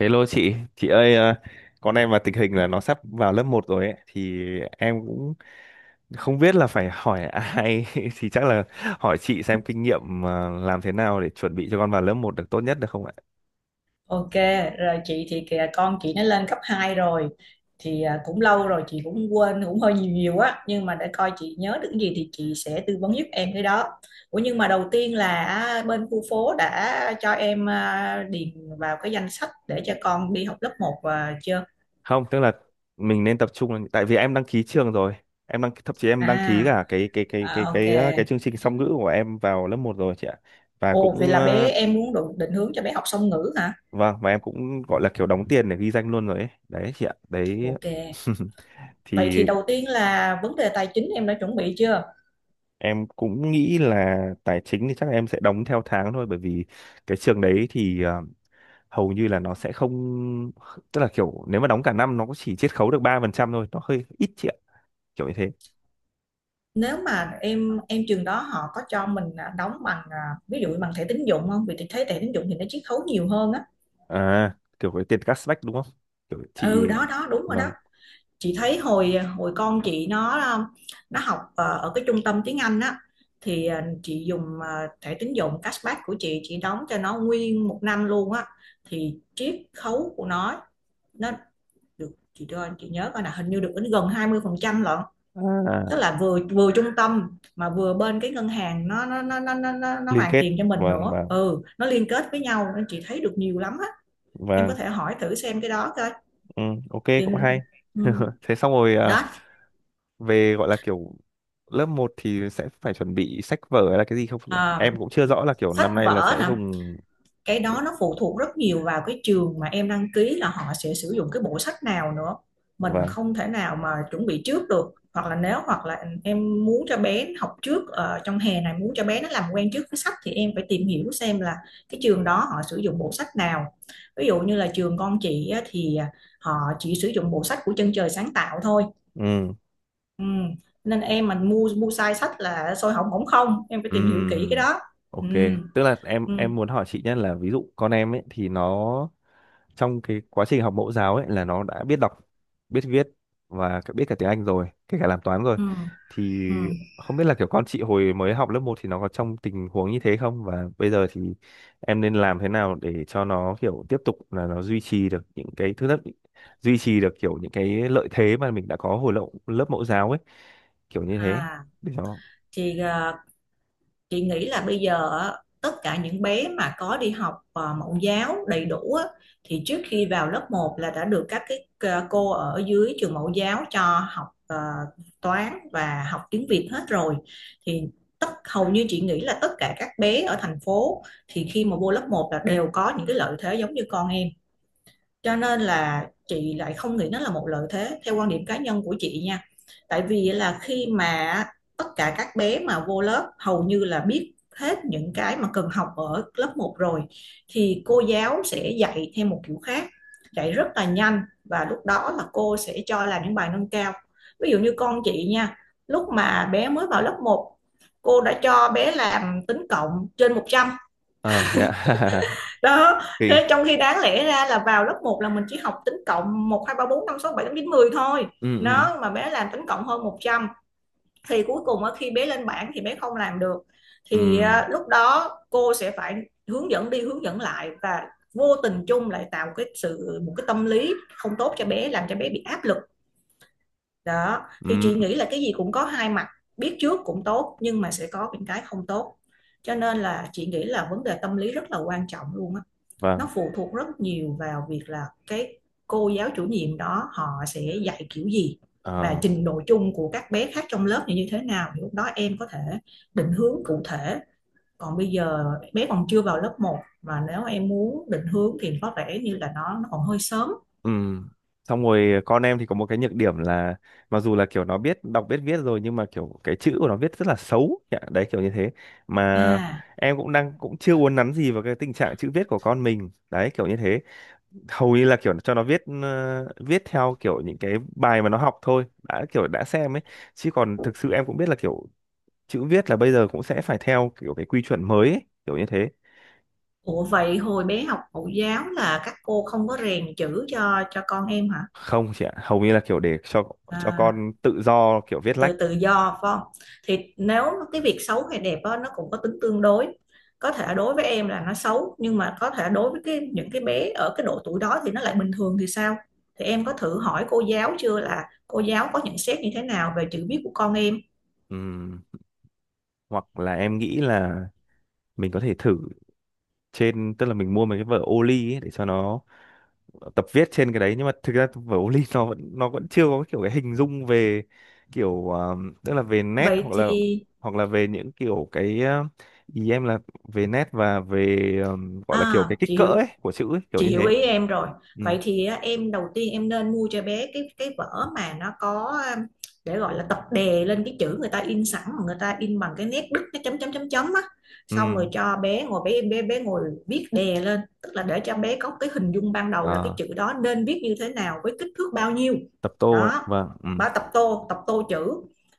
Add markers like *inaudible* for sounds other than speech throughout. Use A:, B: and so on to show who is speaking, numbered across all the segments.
A: Hello chị ơi con em mà tình hình là nó sắp vào lớp một rồi ấy thì em cũng không biết là phải hỏi ai *laughs* thì chắc là hỏi chị xem kinh nghiệm làm thế nào để chuẩn bị cho con vào lớp một được tốt nhất được không ạ?
B: Ok, rồi chị thì kìa con chị nó lên cấp 2 rồi thì cũng lâu rồi, chị cũng quên, cũng hơi nhiều nhiều á, nhưng mà để coi chị nhớ được cái gì thì chị sẽ tư vấn giúp em cái đó. Ủa, nhưng mà đầu tiên là bên khu phố đã cho em điền vào cái danh sách để cho con đi học lớp một và chưa?
A: Không, tức là mình nên tập trung là- tại vì em đăng ký trường rồi. Em đăng thậm chí em đăng ký
B: À,
A: cả cái cái cái cái
B: à, ok.
A: cái cái, cái chương trình song ngữ của em vào lớp một rồi chị ạ. Và
B: Ồ, vậy
A: cũng
B: là bé em muốn định hướng cho bé học song ngữ hả?
A: vâng, và em cũng gọi là kiểu đóng tiền để ghi danh luôn rồi ấy. Đấy chị ạ. Đấy.
B: Ok.
A: *laughs*
B: Vậy
A: Thì
B: thì đầu tiên là vấn đề tài chính em đã chuẩn bị chưa?
A: em cũng nghĩ là tài chính thì chắc là em sẽ đóng theo tháng thôi, bởi vì cái trường đấy thì hầu như là nó sẽ không, tức là kiểu nếu mà đóng cả năm nó cũng chỉ chiết khấu được 3% thôi, nó hơi ít chị ạ, kiểu như thế.
B: Nếu mà em trường đó họ có cho mình đóng bằng ví dụ bằng thẻ tín dụng không, vì chị thấy thẻ tín dụng thì nó chiết khấu nhiều hơn á.
A: À, kiểu cái tiền cashback đúng không? Kiểu chị,
B: Ừ, đó đó, đúng rồi đó.
A: vâng.
B: Chị thấy hồi hồi con chị nó nó học ở cái trung tâm tiếng Anh á, thì chị dùng thẻ tín dụng cashback của chị đóng cho nó nguyên một năm luôn á, thì chiết khấu của nó được, chị cho chị nhớ coi, là hình như được đến gần 20% lận. Tức
A: À,
B: là vừa vừa trung tâm mà vừa bên cái ngân hàng, nó
A: liên
B: hoàn
A: kết,
B: tiền cho mình
A: vâng
B: nữa.
A: vâng
B: Ừ, nó liên kết với nhau nên chị thấy được nhiều lắm á. Em có
A: vâng,
B: thể hỏi thử xem cái đó coi.
A: ừ, ok cũng
B: Vì-
A: hay.
B: ừ,
A: *laughs* Thế xong rồi à,
B: đó.
A: về gọi là kiểu lớp một thì sẽ phải chuẩn bị sách vở hay là cái gì không nhỉ?
B: à,
A: Em cũng chưa rõ là kiểu
B: sách
A: năm nay là
B: vở
A: sẽ
B: nè,
A: dùng.
B: cái đó nó phụ thuộc rất nhiều vào cái trường mà em đăng ký là họ sẽ sử dụng cái bộ sách nào nữa, mình
A: Vâng.
B: không thể nào mà chuẩn bị trước được. Hoặc là em muốn cho bé học trước, trong hè này muốn cho bé nó làm quen trước với sách, thì em phải tìm hiểu xem là cái trường đó họ sử dụng bộ sách nào. Ví dụ như là trường con chị á, thì họ chỉ sử dụng bộ sách của Chân Trời Sáng Tạo thôi.
A: Ừ
B: Ừ. Nên em mà mua mua sai sách là xôi hỏng bỏng không, em phải tìm hiểu kỹ cái
A: ừ.
B: đó. Ừ.
A: Ok, tức là
B: Ừ.
A: em muốn hỏi chị nhất là ví dụ con em ấy thì nó trong cái quá trình học mẫu giáo ấy là nó đã biết đọc, biết viết, và cả- biết cả tiếng Anh rồi, kể cả làm toán rồi,
B: Ừ.
A: thì
B: Ừ.
A: không biết là kiểu con chị hồi mới học lớp một thì nó có trong tình huống như thế không, và bây giờ thì em nên làm thế nào để cho nó kiểu tiếp tục là nó duy trì được những cái thứ nhất, duy trì được kiểu những cái lợi thế mà mình đã có hồi lớp lớp mẫu giáo ấy, kiểu như thế,
B: À
A: để cho.
B: thì chị nghĩ là bây giờ á, tất cả những bé mà có đi học mẫu giáo đầy đủ á, thì trước khi vào lớp một là đã được các cái cô ở dưới trường mẫu giáo cho học toán và học tiếng Việt hết rồi. Thì hầu như chị nghĩ là tất cả các bé ở thành phố, thì khi mà vô lớp một là đều có những cái lợi thế giống như con em. Cho nên là chị lại không nghĩ nó là một lợi thế theo quan điểm cá nhân của chị nha. Tại vì là khi mà tất cả các bé mà vô lớp hầu như là biết hết những cái mà cần học ở lớp một rồi, thì cô giáo sẽ dạy theo một kiểu khác, dạy rất là nhanh, và lúc đó là cô sẽ cho làm những bài nâng cao. Ví dụ như con chị nha, lúc mà bé mới vào lớp một, cô đã cho bé làm tính cộng trên 100.
A: Ờ thế ạ. *laughs*
B: Đó,
A: Thì,
B: thế trong khi đáng lẽ ra là vào lớp một là mình chỉ học tính cộng một, hai, ba, bốn, năm, sáu, bảy, tám, chín, mười thôi.
A: ừ ừ
B: Nó mà bé làm tính cộng hơn 100 thì cuối cùng ở khi bé lên bảng thì bé không làm được.
A: ừ
B: Thì lúc đó cô sẽ phải hướng dẫn đi hướng dẫn lại, và vô tình chung lại tạo cái sự một cái tâm lý không tốt cho bé, làm cho bé bị áp lực đó. Thì
A: ừ,
B: chị nghĩ là cái gì cũng có hai mặt, biết trước cũng tốt nhưng mà sẽ có những cái không tốt. Cho nên là chị nghĩ là vấn đề tâm lý rất là quan trọng luôn á.
A: và
B: Nó phụ thuộc rất nhiều vào việc là cái cô giáo chủ nhiệm đó họ sẽ dạy kiểu gì, và
A: ờ,
B: trình độ chung của các bé khác trong lớp như thế nào, thì lúc đó em có thể định hướng cụ thể. Còn bây giờ bé còn chưa vào lớp một mà nếu em muốn định hướng thì có vẻ như là nó còn hơi sớm.
A: ừ, xong rồi con em thì có một cái nhược điểm là mặc dù là kiểu nó biết đọc biết viết rồi, nhưng mà kiểu cái chữ của nó viết rất là xấu. Dạ, đấy kiểu như thế, mà
B: à
A: em cũng đang cũng chưa uốn nắn gì vào cái tình trạng chữ viết của con mình, đấy kiểu như thế. Hầu như là kiểu cho nó viết viết theo kiểu những cái bài mà nó học thôi đã, kiểu đã xem ấy, chứ còn thực sự em cũng biết là kiểu chữ viết là bây giờ cũng sẽ phải theo kiểu cái quy chuẩn mới ấy, kiểu như thế.
B: Ủa, vậy hồi bé học mẫu giáo là các cô không có rèn chữ cho con em hả?
A: Không chị ạ, hầu như là kiểu để cho
B: à,
A: con tự do kiểu viết
B: tự
A: lách.
B: tự do phải không? Thì nếu cái việc xấu hay đẹp đó, nó cũng có tính tương đối. Có thể đối với em là nó xấu nhưng mà có thể đối với cái những cái bé ở cái độ tuổi đó thì nó lại bình thường thì sao. Thì em có thử hỏi cô giáo chưa là cô giáo có nhận xét như thế nào về chữ viết của con em?
A: Ừm, Hoặc là em nghĩ là mình có thể thử trên, tức là mình mua mấy cái vở ô ly ấy để cho nó tập viết trên cái đấy, nhưng mà thực ra vở ô ly nó vẫn chưa có kiểu cái hình dung về kiểu tức là về nét,
B: Vậy thì
A: hoặc là về những kiểu cái ý em là về nét và về gọi là kiểu cái kích
B: chị
A: cỡ
B: hiểu,
A: ấy của chữ ấy, kiểu
B: chị
A: như
B: hiểu
A: thế.
B: ý em rồi.
A: Ừ
B: Vậy thì á, em đầu tiên em nên mua cho bé cái vở mà nó có, để gọi là tập đè lên cái chữ người ta in sẵn, mà người ta in bằng cái nét đứt cái chấm chấm chấm chấm á. Xong
A: ừ.
B: rồi cho bé ngồi, bé bé bé ngồi viết đè lên, tức là để cho bé có cái hình dung ban đầu là cái
A: À,
B: chữ đó nên viết như thế nào với kích thước bao nhiêu.
A: tập tô ấy,
B: Đó,
A: vâng. Ừ
B: bà tập tô, tập tô chữ.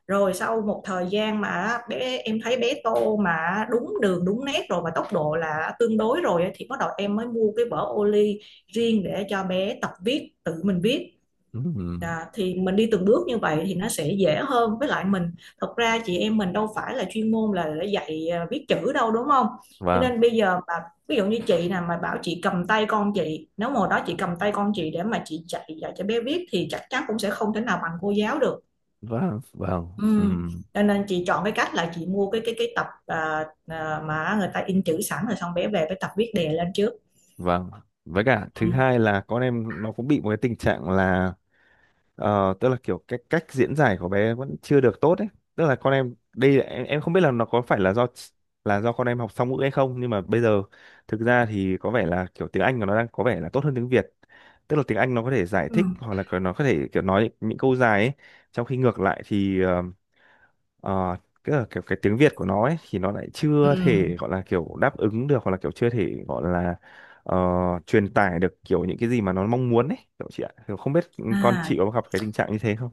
B: Rồi sau một thời gian mà bé em thấy bé tô mà đúng đường đúng nét rồi và tốc độ là tương đối rồi á, thì bắt đầu em mới mua cái vở ô ly riêng để cho bé tập viết, tự mình viết.
A: ừ ừ.
B: À, thì mình đi từng bước như vậy thì nó sẽ dễ hơn, với lại mình, thật ra chị em mình đâu phải là chuyên môn là để dạy viết chữ đâu đúng không. Cho
A: Vâng
B: nên bây giờ mà ví dụ như chị nè, mà bảo chị cầm tay con chị, nếu mà hồi đó chị cầm tay con chị để mà chị dạy dạy cho bé viết thì chắc chắn cũng sẽ không thể nào bằng cô giáo được.
A: vâng vâng.
B: Ừ.
A: ừm,
B: Cho nên chị chọn cái cách là chị mua cái tập mà người ta in chữ sẵn, rồi xong bé về với tập viết đề lên trước.
A: vâng, với cả
B: Ừ.
A: thứ hai là con em nó cũng bị một cái tình trạng là tức là kiểu cái cách diễn giải của bé vẫn chưa được tốt ấy, tức là con em đây là- em không biết là nó có phải là do là do con em học song ngữ hay không, nhưng mà bây giờ thực ra thì có vẻ là kiểu tiếng Anh của nó đang có vẻ là tốt hơn tiếng Việt, tức là tiếng Anh nó có thể giải
B: Ừ.
A: thích hoặc là nó có thể kiểu nói những câu dài ấy, trong khi ngược lại thì Ờ, tức là kiểu cái tiếng Việt của nó ấy thì nó lại chưa
B: Ừ.
A: thể gọi là kiểu đáp ứng được, hoặc là kiểu chưa thể gọi là ờ, truyền tải được kiểu những cái gì mà nó mong muốn ấy, kiểu chị ạ. Kiểu không biết con
B: À,
A: chị có gặp cái tình trạng như thế không.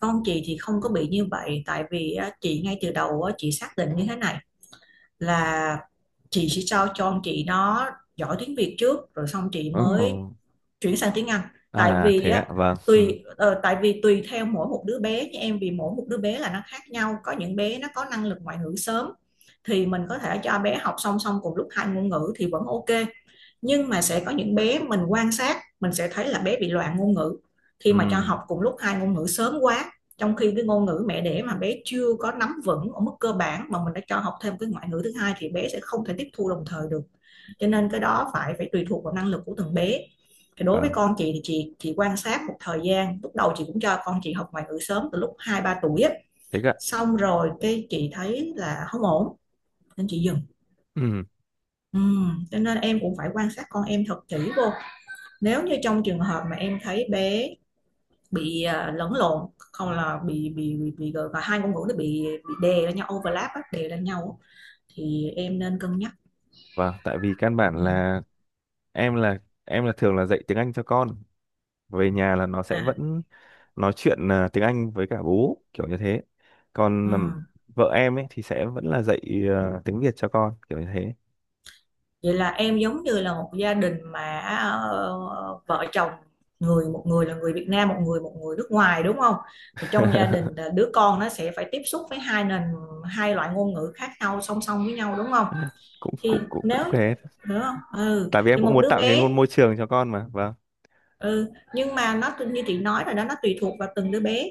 B: con chị thì không có bị như vậy, tại vì á, chị ngay từ đầu á, chị xác định như thế này là chị sẽ cho con chị nó giỏi tiếng Việt trước rồi xong chị
A: Ồ,
B: mới chuyển sang tiếng Anh. Tại
A: à
B: vì
A: thế ạ,
B: á,
A: vâng. Ừ,
B: tại vì tùy theo mỗi một đứa bé như em, vì mỗi một đứa bé là nó khác nhau, có những bé nó có năng lực ngoại ngữ sớm, thì mình có thể cho bé học song song cùng lúc hai ngôn ngữ thì vẫn ok. Nhưng mà sẽ có những bé mình quan sát mình sẽ thấy là bé bị loạn ngôn ngữ khi
A: ừ,
B: mà cho học cùng lúc hai ngôn ngữ sớm quá. Trong khi cái ngôn ngữ mẹ đẻ mà bé chưa có nắm vững ở mức cơ bản mà mình đã cho học thêm cái ngoại ngữ thứ hai thì bé sẽ không thể tiếp thu đồng thời được. Cho nên cái đó phải phải tùy thuộc vào năng lực của từng bé. Thì đối với
A: vâng,
B: con chị thì chị quan sát một thời gian, lúc đầu chị cũng cho con chị học ngoại ngữ sớm từ lúc 2 3 tuổi á.
A: thế ạ.
B: Xong rồi cái chị thấy là không ổn nên chị dừng.
A: Ừ,
B: Ừ. Cho nên em cũng phải quan sát con em thật kỹ vô, nếu như trong trường hợp mà em thấy bé bị lẫn lộn, không, là bị gọi hai ngôn ngữ nó bị đè lên nhau, overlap á, đè lên nhau á, thì em nên cân nhắc.
A: vâng, tại vì căn
B: Ừ.
A: bản là em là em là thường là dạy tiếng Anh cho con. Về nhà là nó sẽ
B: À,
A: vẫn nói chuyện tiếng Anh với cả bố kiểu như thế,
B: ừ.
A: còn vợ em ấy thì sẽ vẫn là dạy tiếng Việt cho con kiểu như thế.
B: Vậy là em giống như là một gia đình mà ờ, vợ chồng, một người là người Việt Nam, một người nước ngoài, đúng không? Thì trong gia đình
A: *laughs*
B: là đứa con nó sẽ phải tiếp xúc với hai loại ngôn ngữ khác nhau song song với nhau, đúng không?
A: Cũng
B: Thì
A: cũng cũng
B: nếu
A: cũng thế,
B: đúng không? Ừ,
A: tại vì em
B: thì
A: cũng
B: một
A: muốn
B: đứa
A: tạo cái
B: bé.
A: ngôn môi trường cho con mà, vâng.
B: Ừ, nhưng mà nó như chị nói rồi đó, nó tùy thuộc vào từng đứa bé.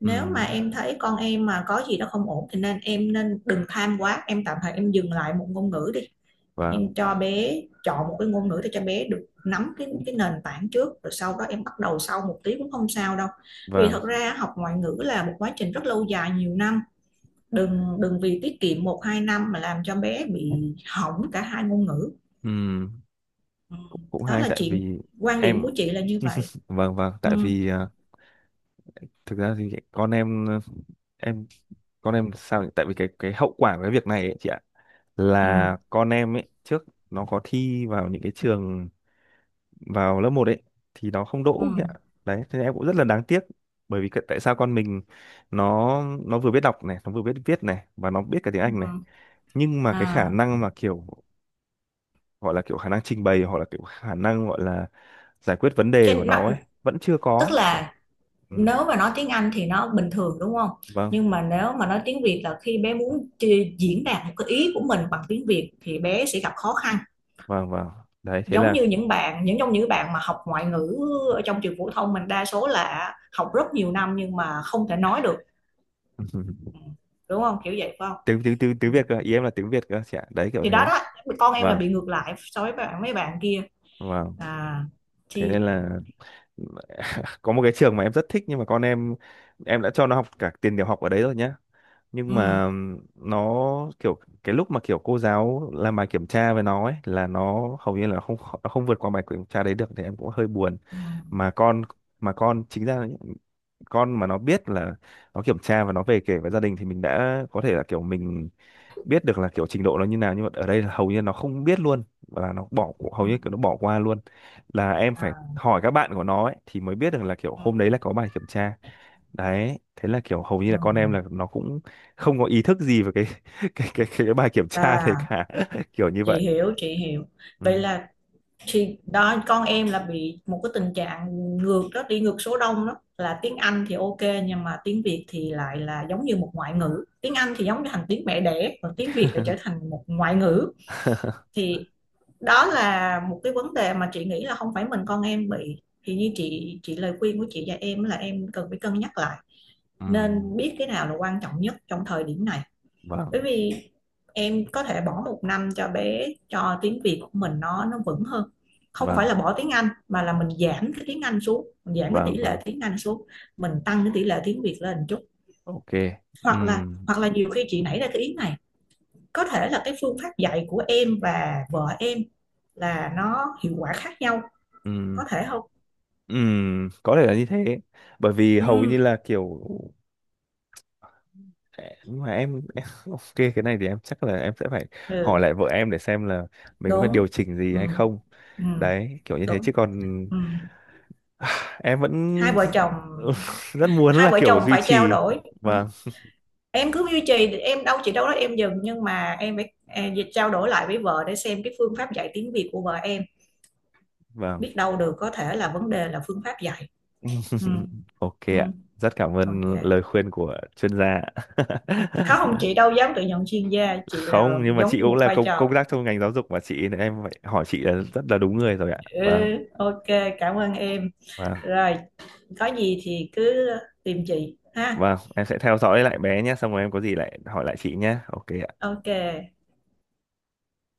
B: Nếu mà
A: Ừm,
B: em thấy con em mà có gì đó không ổn thì em nên đừng tham quá, em tạm thời em dừng lại một ngôn ngữ đi. Em
A: vâng
B: cho bé chọn một cái ngôn ngữ để cho bé được nắm cái nền tảng trước, rồi sau đó em bắt đầu sau một tí cũng không sao đâu. Vì
A: vâng.
B: thật ra học ngoại ngữ là một quá trình rất lâu dài nhiều năm, đừng đừng vì tiết kiệm một hai năm mà làm cho bé bị hỏng cả hai ngôn ngữ.
A: Ừm,
B: Ừ.
A: cũng, cũng
B: Đó
A: hay,
B: là
A: tại
B: chuyện,
A: vì
B: quan điểm
A: em,
B: của chị là như vậy.
A: vâng vâng,
B: Ừ.
A: tại vì thực ra thì con em em con em sao nhỉ? Tại vì cái hậu quả của cái việc này ấy chị ạ,
B: Ừ.
A: là con em ấy trước nó có thi vào những cái trường vào lớp một ấy, thì nó không
B: Ừ.
A: đỗ ấy ạ. Đấy, thế em cũng rất là đáng tiếc, bởi vì cái- tại sao con mình, nó vừa biết đọc này, nó vừa biết viết này, và nó biết cả tiếng Anh này.
B: Ừ.
A: Nhưng mà cái khả
B: À,
A: năng mà kiểu gọi là kiểu khả năng trình bày, hoặc là kiểu khả năng gọi là giải quyết vấn đề
B: cái
A: của
B: nó,
A: nó ấy, vẫn chưa
B: tức
A: có. Kiểu,
B: là
A: Ừ,
B: nếu mà nói tiếng Anh thì nó bình thường đúng không?
A: vâng,
B: Nhưng mà nếu mà nói tiếng Việt là khi bé muốn diễn đạt một cái ý của mình bằng tiếng Việt thì bé sẽ gặp khó khăn.
A: vâng, vâng. Đấy, thế
B: Giống
A: là,
B: như những bạn, những trong những bạn mà học ngoại ngữ ở trong trường phổ thông mình, đa số là học rất nhiều năm nhưng mà không thể nói được. Ừ.
A: *laughs*
B: Đúng không? Kiểu vậy phải không?
A: tiếng tiếng tiếng
B: Ừ.
A: tiếng Việt cơ, ý em là tiếng Việt cơ chị ạ. Đấy kiểu
B: Thì đó
A: thế.
B: đó, con em là
A: Vâng,
B: bị ngược lại so với mấy bạn kia.
A: vâng.
B: À
A: Thế nên
B: thì
A: là *laughs* có một cái trường mà em rất thích, nhưng mà con em đã cho nó học cả tiền tiểu học ở đấy rồi nhá, nhưng
B: ừ
A: mà nó kiểu cái lúc mà kiểu cô giáo làm bài kiểm tra với nó ấy là nó hầu như là không, nó không vượt qua bài kiểm tra đấy được, thì em cũng hơi buồn.
B: ừ
A: Mà con, mà con chính ra là những con mà nó biết là nó kiểm tra và nó về kể với gia đình, thì mình đã có thể là kiểu mình biết được là kiểu trình độ nó như nào. Nhưng mà ở đây là hầu như nó không biết luôn, và là nó bỏ, hầu
B: ừ
A: như kiểu nó bỏ qua luôn, là em phải
B: à,
A: hỏi các bạn của nó ấy, thì mới biết được là kiểu
B: ừ
A: hôm đấy là có bài kiểm tra. Đấy thế là kiểu hầu như
B: ừ
A: là con em là nó cũng không có ý thức gì về cái *laughs* cái bài kiểm tra đấy
B: à
A: cả. *laughs* Kiểu như
B: chị
A: vậy.
B: hiểu, chị hiểu. Vậy
A: Ừ.
B: là chị đó, con em là bị một cái tình trạng ngược đó, đi ngược số đông đó, là tiếng Anh thì ok, nhưng mà tiếng Việt thì lại là giống như một ngoại ngữ. Tiếng Anh thì giống như thành tiếng mẹ đẻ, còn tiếng Việt lại trở thành một ngoại ngữ.
A: *laughs*
B: Thì đó là một cái vấn đề mà chị nghĩ là không phải mình con em bị. Thì như chị, lời khuyên của chị và em là em cần phải cân nhắc lại.
A: Ừ.
B: Nên biết cái nào là quan trọng nhất trong thời điểm này. Bởi
A: Vâng
B: vì em có thể bỏ một năm cho bé, cho tiếng Việt của mình nó vững hơn. Không phải
A: vâng
B: là bỏ tiếng Anh mà là mình giảm cái tiếng Anh xuống, mình giảm cái tỷ
A: vâng
B: lệ
A: vâng.
B: tiếng Anh xuống. Mình tăng cái tỷ lệ tiếng Việt lên một chút.
A: Ok. Ừ.
B: Hoặc là nhiều khi chị nảy ra cái ý này, có thể là cái phương pháp dạy của em và vợ em là nó hiệu quả khác nhau,
A: Ừ.
B: có thể không?
A: Ừ. Có thể là như thế, bởi vì
B: Ừ,
A: hầu như là kiểu, nhưng mà em, *laughs* ok, cái này thì em chắc là em sẽ phải hỏi
B: ừ,
A: lại vợ em để xem là mình có phải điều
B: đúng.
A: chỉnh gì
B: Ừ,
A: hay không,
B: ừ,
A: đấy kiểu như thế.
B: đúng.
A: Chứ còn
B: Ừ.
A: *sighs* em
B: hai
A: vẫn
B: vợ chồng
A: *laughs* rất muốn
B: Hai
A: là
B: vợ
A: kiểu
B: chồng
A: duy
B: phải trao
A: trì,
B: đổi. Ừ,
A: vâng
B: em cứ duy trì, em đâu chị đâu đó em dừng, nhưng mà em phải trao đổi lại với vợ để xem cái phương pháp dạy tiếng Việt của vợ em.
A: vâng.
B: Biết đâu được, có thể là vấn đề là phương pháp dạy. Ừ,
A: *laughs* Ok
B: ừ,
A: ạ, rất cảm
B: ok.
A: ơn lời khuyên của chuyên gia ạ.
B: Không, chị đâu dám tự nhận chuyên gia,
A: *laughs*
B: chị là
A: Không, nhưng mà
B: giống
A: chị
B: như
A: cũng
B: một
A: là
B: vai
A: công
B: trò.
A: công tác trong ngành giáo dục mà chị, nên em phải hỏi chị là rất là đúng người rồi ạ.
B: Ừ,
A: Vâng
B: ok, cảm ơn em.
A: vâng
B: Rồi, có gì thì cứ tìm chị ha.
A: vâng. Em sẽ theo dõi lại bé nhé, xong rồi em có gì lại hỏi lại chị nhé. Ok ạ.
B: Ok.